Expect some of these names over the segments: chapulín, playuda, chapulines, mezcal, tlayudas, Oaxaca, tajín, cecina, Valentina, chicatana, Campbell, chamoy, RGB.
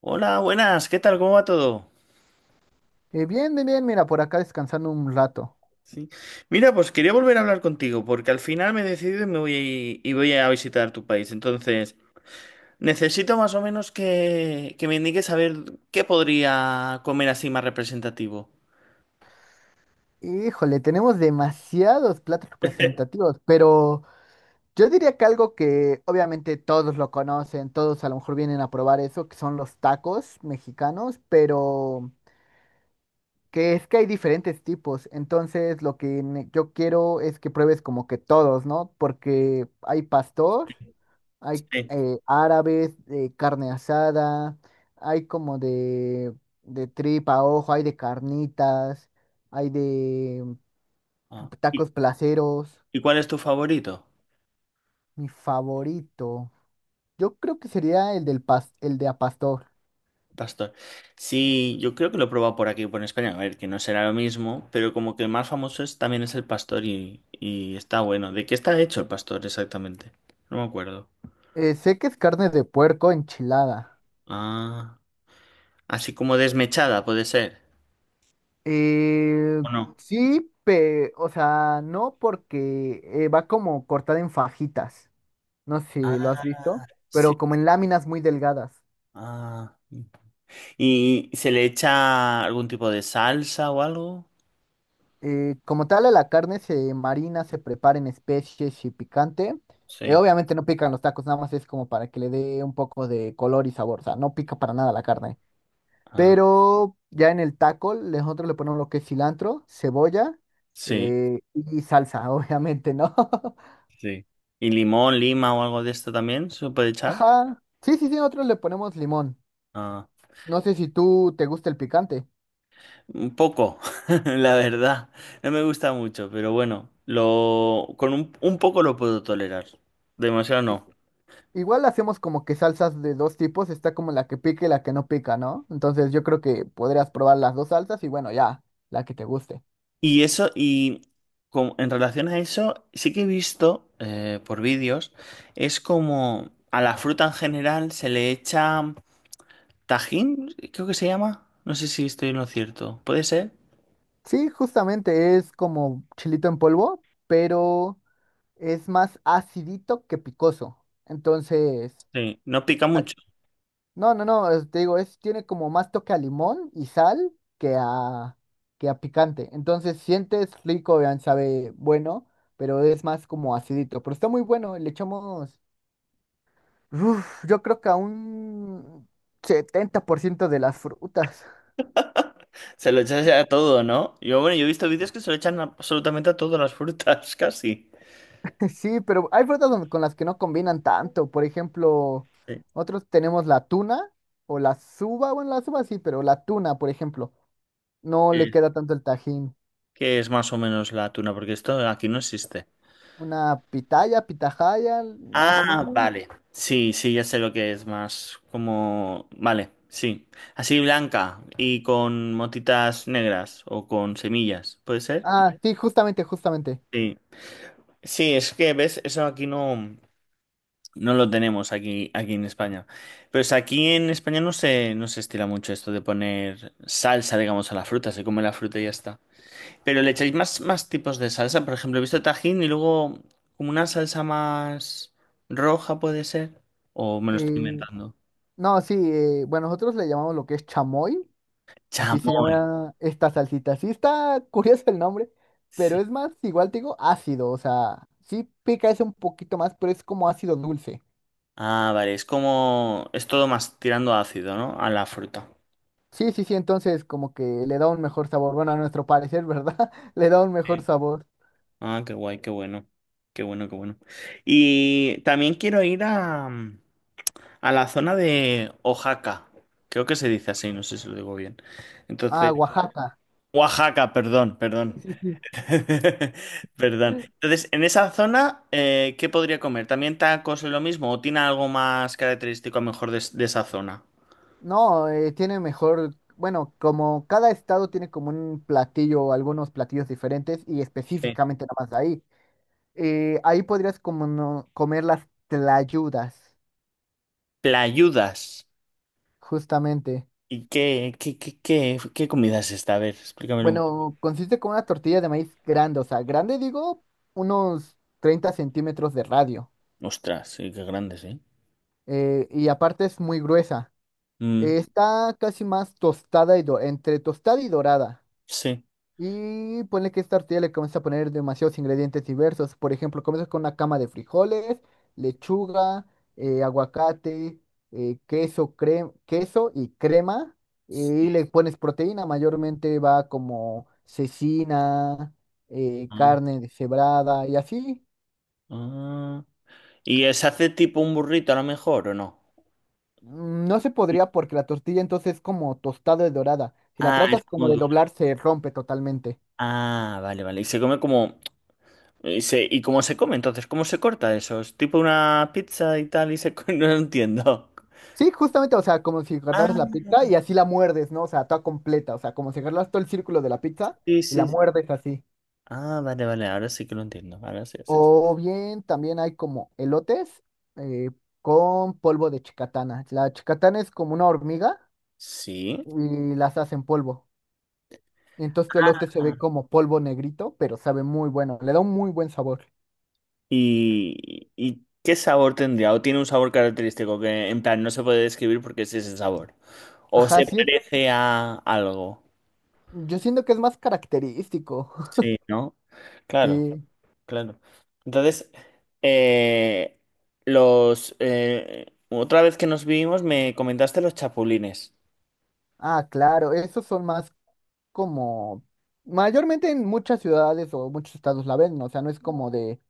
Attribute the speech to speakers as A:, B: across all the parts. A: Hola, buenas, ¿qué tal? ¿Cómo va todo?
B: Bien, bien, bien, mira, por acá descansando un rato.
A: Sí. Mira, pues quería volver a hablar contigo porque al final me he decidido y me voy y voy a visitar tu país. Entonces, necesito más o menos que me indiques a ver qué podría comer así más representativo.
B: Híjole, tenemos demasiados platos representativos, pero yo diría que algo que obviamente todos lo conocen, todos a lo mejor vienen a probar eso, que son los tacos mexicanos, pero que es que hay diferentes tipos. Entonces, lo que yo quiero es que pruebes como que todos, ¿no? Porque hay pastor. Hay
A: Sí.
B: árabes, de carne asada, hay como de tripa a ojo, hay de carnitas, hay de
A: Ah. ¿Y,
B: tacos placeros.
A: y cuál es tu favorito?
B: Mi favorito, yo creo que sería el de a pastor.
A: ¿Pastor? Sí, yo creo que lo he probado por aquí, por España. A ver, que no será lo mismo, pero como que el más famoso es, también es el pastor y está bueno. ¿De qué está hecho el pastor exactamente? No me acuerdo.
B: Sé que es carne de puerco enchilada.
A: Ah. Así como desmechada, puede ser,
B: Eh,
A: ¿o no?
B: sí, o sea, no porque va como cortada en fajitas. No sé
A: Ah,
B: si lo has visto,
A: sí.
B: pero como en láminas muy delgadas.
A: Ah. ¿Y se le echa algún tipo de salsa o algo?
B: Como tal, a la carne se marina, se prepara en especies y picante. Eh,
A: Sí.
B: obviamente no pican los tacos, nada más es como para que le dé un poco de color y sabor. O sea, no pica para nada la carne.
A: Ah,
B: Pero ya en el taco, nosotros le ponemos lo que es cilantro, cebolla
A: sí,
B: y salsa, obviamente, ¿no?
A: sí. ¿Y limón, lima o algo de esto también se puede echar?
B: Ajá. Sí, sí, sí, nosotros le ponemos limón.
A: Ah,
B: No sé si tú te gusta el picante.
A: un poco, la verdad. No me gusta mucho, pero bueno, lo con un poco lo puedo tolerar. Demasiado no.
B: Igual hacemos como que salsas de dos tipos, está como la que pica y la que no pica, ¿no? Entonces yo creo que podrías probar las dos salsas y bueno, ya, la que te guste.
A: Y eso, y en relación a eso, sí que he visto por vídeos, es como a la fruta en general se le echa tajín, creo que se llama. No sé si estoy en lo cierto. ¿Puede ser?
B: Sí, justamente es como chilito en polvo, pero es más acidito que picoso. Entonces,
A: Sí, no pica
B: ay,
A: mucho.
B: no, no, no, te digo, es, tiene como más toque a limón y sal que a, que a picante. Entonces sientes rico, vean, sabe bueno, pero es más como acidito. Pero está muy bueno, le echamos... Uf, yo creo que a un 70% de las frutas.
A: Se lo echas a todo, ¿no? Bueno, yo he visto vídeos que se lo echan absolutamente a todas las frutas, casi.
B: Sí, pero hay frutas con las que no combinan tanto. Por ejemplo, nosotros tenemos la tuna o la suba. Bueno, la suba sí, pero la tuna, por ejemplo, no le
A: Sí.
B: queda tanto el tajín.
A: Que es más o menos la tuna, porque esto aquí no existe.
B: Una pitaya, pitahaya, más o
A: Ah,
B: menos.
A: vale. Sí, sí, ya sé lo que es más como. Vale, sí. Así blanca y con motitas negras o con semillas, ¿puede ser?
B: Ah, sí, justamente, justamente.
A: Sí. Sí, es que, ¿ves? Eso aquí no lo tenemos aquí en España. Pero es aquí en España no se estila mucho esto de poner salsa, digamos, a la fruta. Se come la fruta y ya está. Pero le echáis más tipos de salsa. Por ejemplo, he visto tajín y luego como una salsa más roja, ¿puede ser? ¿O me lo estoy
B: Eh,
A: inventando?
B: no, sí, bueno, nosotros le llamamos lo que es chamoy. Así se
A: Chamoy.
B: llama esta salsita. Sí está curioso el nombre, pero
A: Sí.
B: es más, igual te digo, ácido. O sea, sí pica ese un poquito más, pero es como ácido dulce.
A: Ah, vale. Es todo más tirando a ácido, ¿no? A la fruta.
B: Sí, sí, sí, entonces como que le da un mejor sabor. Bueno, a nuestro parecer, ¿verdad? Le da un mejor
A: Sí.
B: sabor.
A: Ah, qué guay, qué bueno. Qué bueno, qué bueno. Y también quiero ir a la zona de Oaxaca. Creo que se dice así, no sé si lo digo bien. Entonces,
B: Ah, Oaxaca.
A: Oaxaca, perdón,
B: Sí,
A: perdón.
B: sí, sí.
A: Perdón. Entonces, en esa zona, ¿qué podría comer? ¿También tacos es lo mismo? ¿O tiene algo más característico a lo mejor de esa zona?
B: No, tiene mejor, bueno, como cada estado tiene como un platillo, o algunos platillos diferentes y
A: Sí.
B: específicamente nada más de ahí. Ahí podrías como comer las tlayudas,
A: Playudas.
B: justamente.
A: ¿Y qué comida es esta? A ver, explícamelo.
B: Bueno, consiste con una tortilla de maíz grande, o sea, grande digo, unos 30 centímetros de radio.
A: Ostras, sí, qué grandes, ¿eh?
B: Y aparte es muy gruesa.
A: Mm,
B: Está casi más tostada y entre tostada y dorada.
A: sí.
B: Y ponle que esta tortilla le comienza a poner demasiados ingredientes diversos. Por ejemplo, comienza con una cama de frijoles, lechuga, aguacate, queso, queso y crema.
A: Sí.
B: Y le pones proteína, mayormente va como cecina,
A: Ah,
B: carne deshebrada y así.
A: ah. ¿Y se hace tipo un burrito a lo mejor o no?
B: No se podría porque la tortilla entonces es como tostada y dorada. Si la
A: Ah, es
B: tratas
A: como
B: como de
A: duro.
B: doblar, se rompe totalmente.
A: Ah, vale, vale. Y se come. ¿Y cómo se come entonces? ¿Cómo se corta eso? ¿Es tipo una pizza y tal? No lo entiendo.
B: Sí, justamente, o sea, como si agarraras
A: Ah,
B: la pizza y así la muerdes, ¿no? O sea, toda completa, o sea, como si agarras todo el círculo de la pizza
A: sí,
B: y la
A: sí, sí.
B: muerdes así.
A: Ah, vale, vale. Ahora sí que lo entiendo. Ahora sí, sí.
B: O bien también hay como elotes eh, con polvo de chicatana. La chicatana es como una hormiga
A: Sí.
B: y las hacen polvo. Y entonces tu elote se ve como polvo negrito, pero sabe muy bueno, le da un muy buen sabor.
A: ¿Y qué sabor tendría? ¿O tiene un sabor característico que en plan no se puede describir porque es ese sabor? ¿O
B: Ajá,
A: se
B: sí,
A: parece a algo?
B: yo siento que es más característico.
A: Sí, ¿no? Claro,
B: Sí.
A: claro. Entonces, eh, los otra vez que nos vimos me comentaste los chapulines.
B: Ah, claro, esos son más como, mayormente en muchas ciudades o muchos estados la venden, o sea, no es como de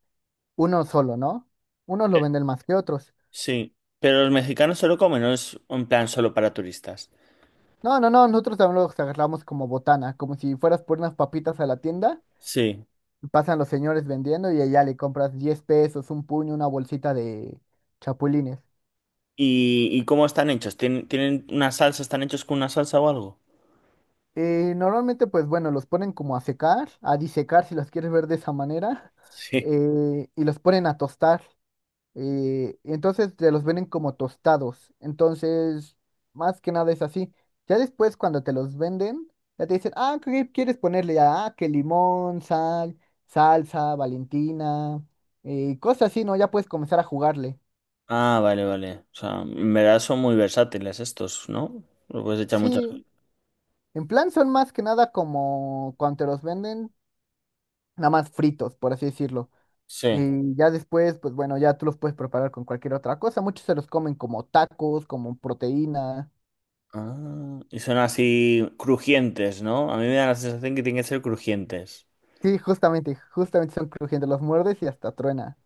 B: uno solo, ¿no? Unos lo venden más que otros.
A: Sí, pero los mexicanos solo comen, no es un plan solo para turistas.
B: No, no, no, nosotros también los agarramos como botana, como si fueras por unas papitas a la tienda,
A: Sí.
B: y pasan los señores vendiendo y allá le compras 10 pesos, un puño, una bolsita de chapulines.
A: ¿Y cómo están hechos? ¿Tienen una salsa? ¿Están hechos con una salsa o algo?
B: Normalmente, pues bueno, los ponen como a secar, a disecar si los quieres ver de esa manera,
A: Sí.
B: y los ponen a tostar. Y entonces te los venden como tostados. Entonces, más que nada es así. Ya después cuando te los venden, ya te dicen, ah, ¿qué quieres ponerle? Ah, que limón, sal, salsa, Valentina, y cosas así, ¿no? Ya puedes comenzar a jugarle.
A: Ah, vale, vale. O sea, en verdad son muy versátiles estos, ¿no? Lo puedes echar muchas cosas.
B: Sí, en plan son más que nada como cuando te los venden, nada más fritos, por así decirlo.
A: Sí.
B: Y ya después, pues bueno, ya tú los puedes preparar con cualquier otra cosa. Muchos se los comen como tacos, como proteína.
A: Ah, y son así crujientes, ¿no? A mí me da la sensación que tienen que ser crujientes.
B: Sí, justamente, justamente son crujientes, los muerdes y hasta truena.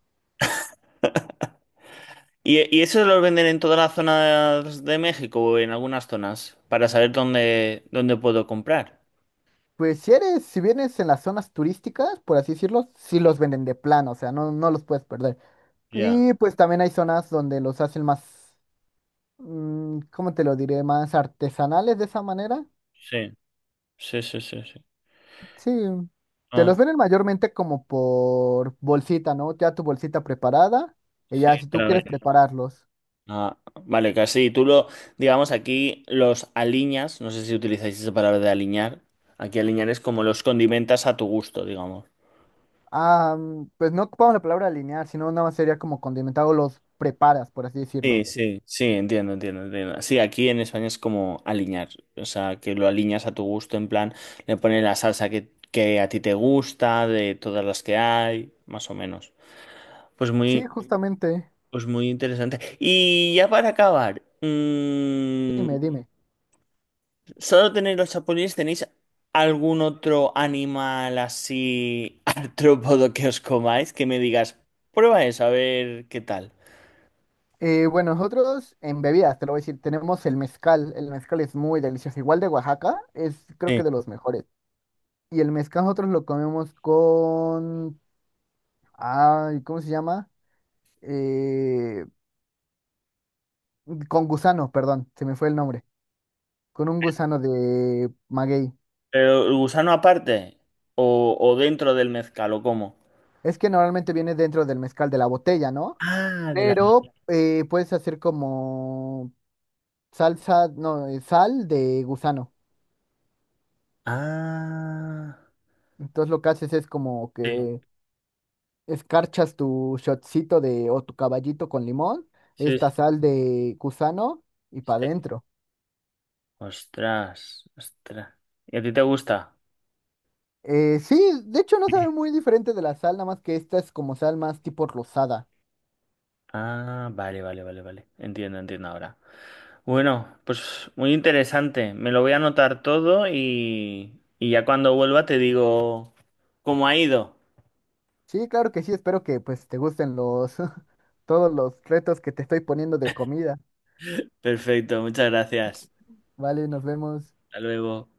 A: ¿Y esos los venden en toda la zona de México o en algunas zonas? Para saber dónde puedo comprar.
B: Pues si eres, si vienes en las zonas turísticas, por así decirlo, sí los venden de plano, o sea, no, no los puedes perder.
A: Ya.
B: Y pues también hay zonas donde los hacen más, ¿cómo te lo diré? Más artesanales de esa manera.
A: Sí, sí, sí, sí, sí.
B: Sí, te
A: Ah,
B: los venden mayormente como por bolsita, ¿no? Ya tu bolsita preparada, y
A: sí,
B: ya si tú
A: claro.
B: quieres prepararlos.
A: Ah, vale, casi. Digamos, aquí los aliñas, no sé si utilizáis esa palabra de aliñar. Aquí aliñar es como los condimentas a tu gusto, digamos.
B: Ah, pues no ocupamos la palabra alinear, sino nada más sería como condimentado, los preparas, por así decirlo.
A: Sí, sí, sí, entiendo, entiendo, entiendo. Sí, aquí en España es como aliñar, o sea, que lo aliñas a tu gusto, en plan, le pones la salsa que a ti te gusta, de todas las que hay, más o menos. Pues muy,
B: Sí, justamente.
A: pues muy interesante. Y ya para acabar,
B: Dime, dime.
A: ¿solo tenéis los chapulines? ¿Tenéis algún otro animal así artrópodo que os comáis? Que me digas, prueba eso, a ver qué tal.
B: Bueno, nosotros en bebidas, te lo voy a decir, tenemos el mezcal. El mezcal es muy delicioso. Igual de Oaxaca, es creo
A: Sí.
B: que de los mejores. Y el mezcal nosotros lo comemos con... Ay, ¿cómo se llama? Eh, con gusano, perdón, se me fue el nombre. Con un gusano de maguey.
A: ¿Pero el gusano aparte? ¿O dentro del mezcal? ¿O cómo?
B: Es que normalmente viene dentro del mezcal de la botella, ¿no?
A: Ah, de la.
B: Pero puedes hacer como salsa, no, sal de gusano.
A: Ah.
B: Entonces lo que haces es como
A: Sí,
B: que escarchas tu shotcito de o tu caballito con limón,
A: sí, sí,
B: esta sal de gusano y para
A: sí.
B: adentro.
A: Ostras, ostras. ¿Y a ti te gusta?
B: Sí, de hecho no sabe muy diferente de la sal, nada más que esta es como sal más tipo rosada.
A: Ah, vale, vale, vale, vale. Entiendo, entiendo ahora. Bueno, pues muy interesante. Me lo voy a anotar todo y ya cuando vuelva te digo cómo ha ido.
B: Sí, claro que sí, espero que pues te gusten los todos los retos que te estoy poniendo de comida.
A: Perfecto, muchas gracias.
B: Vale, nos vemos.
A: Hasta luego.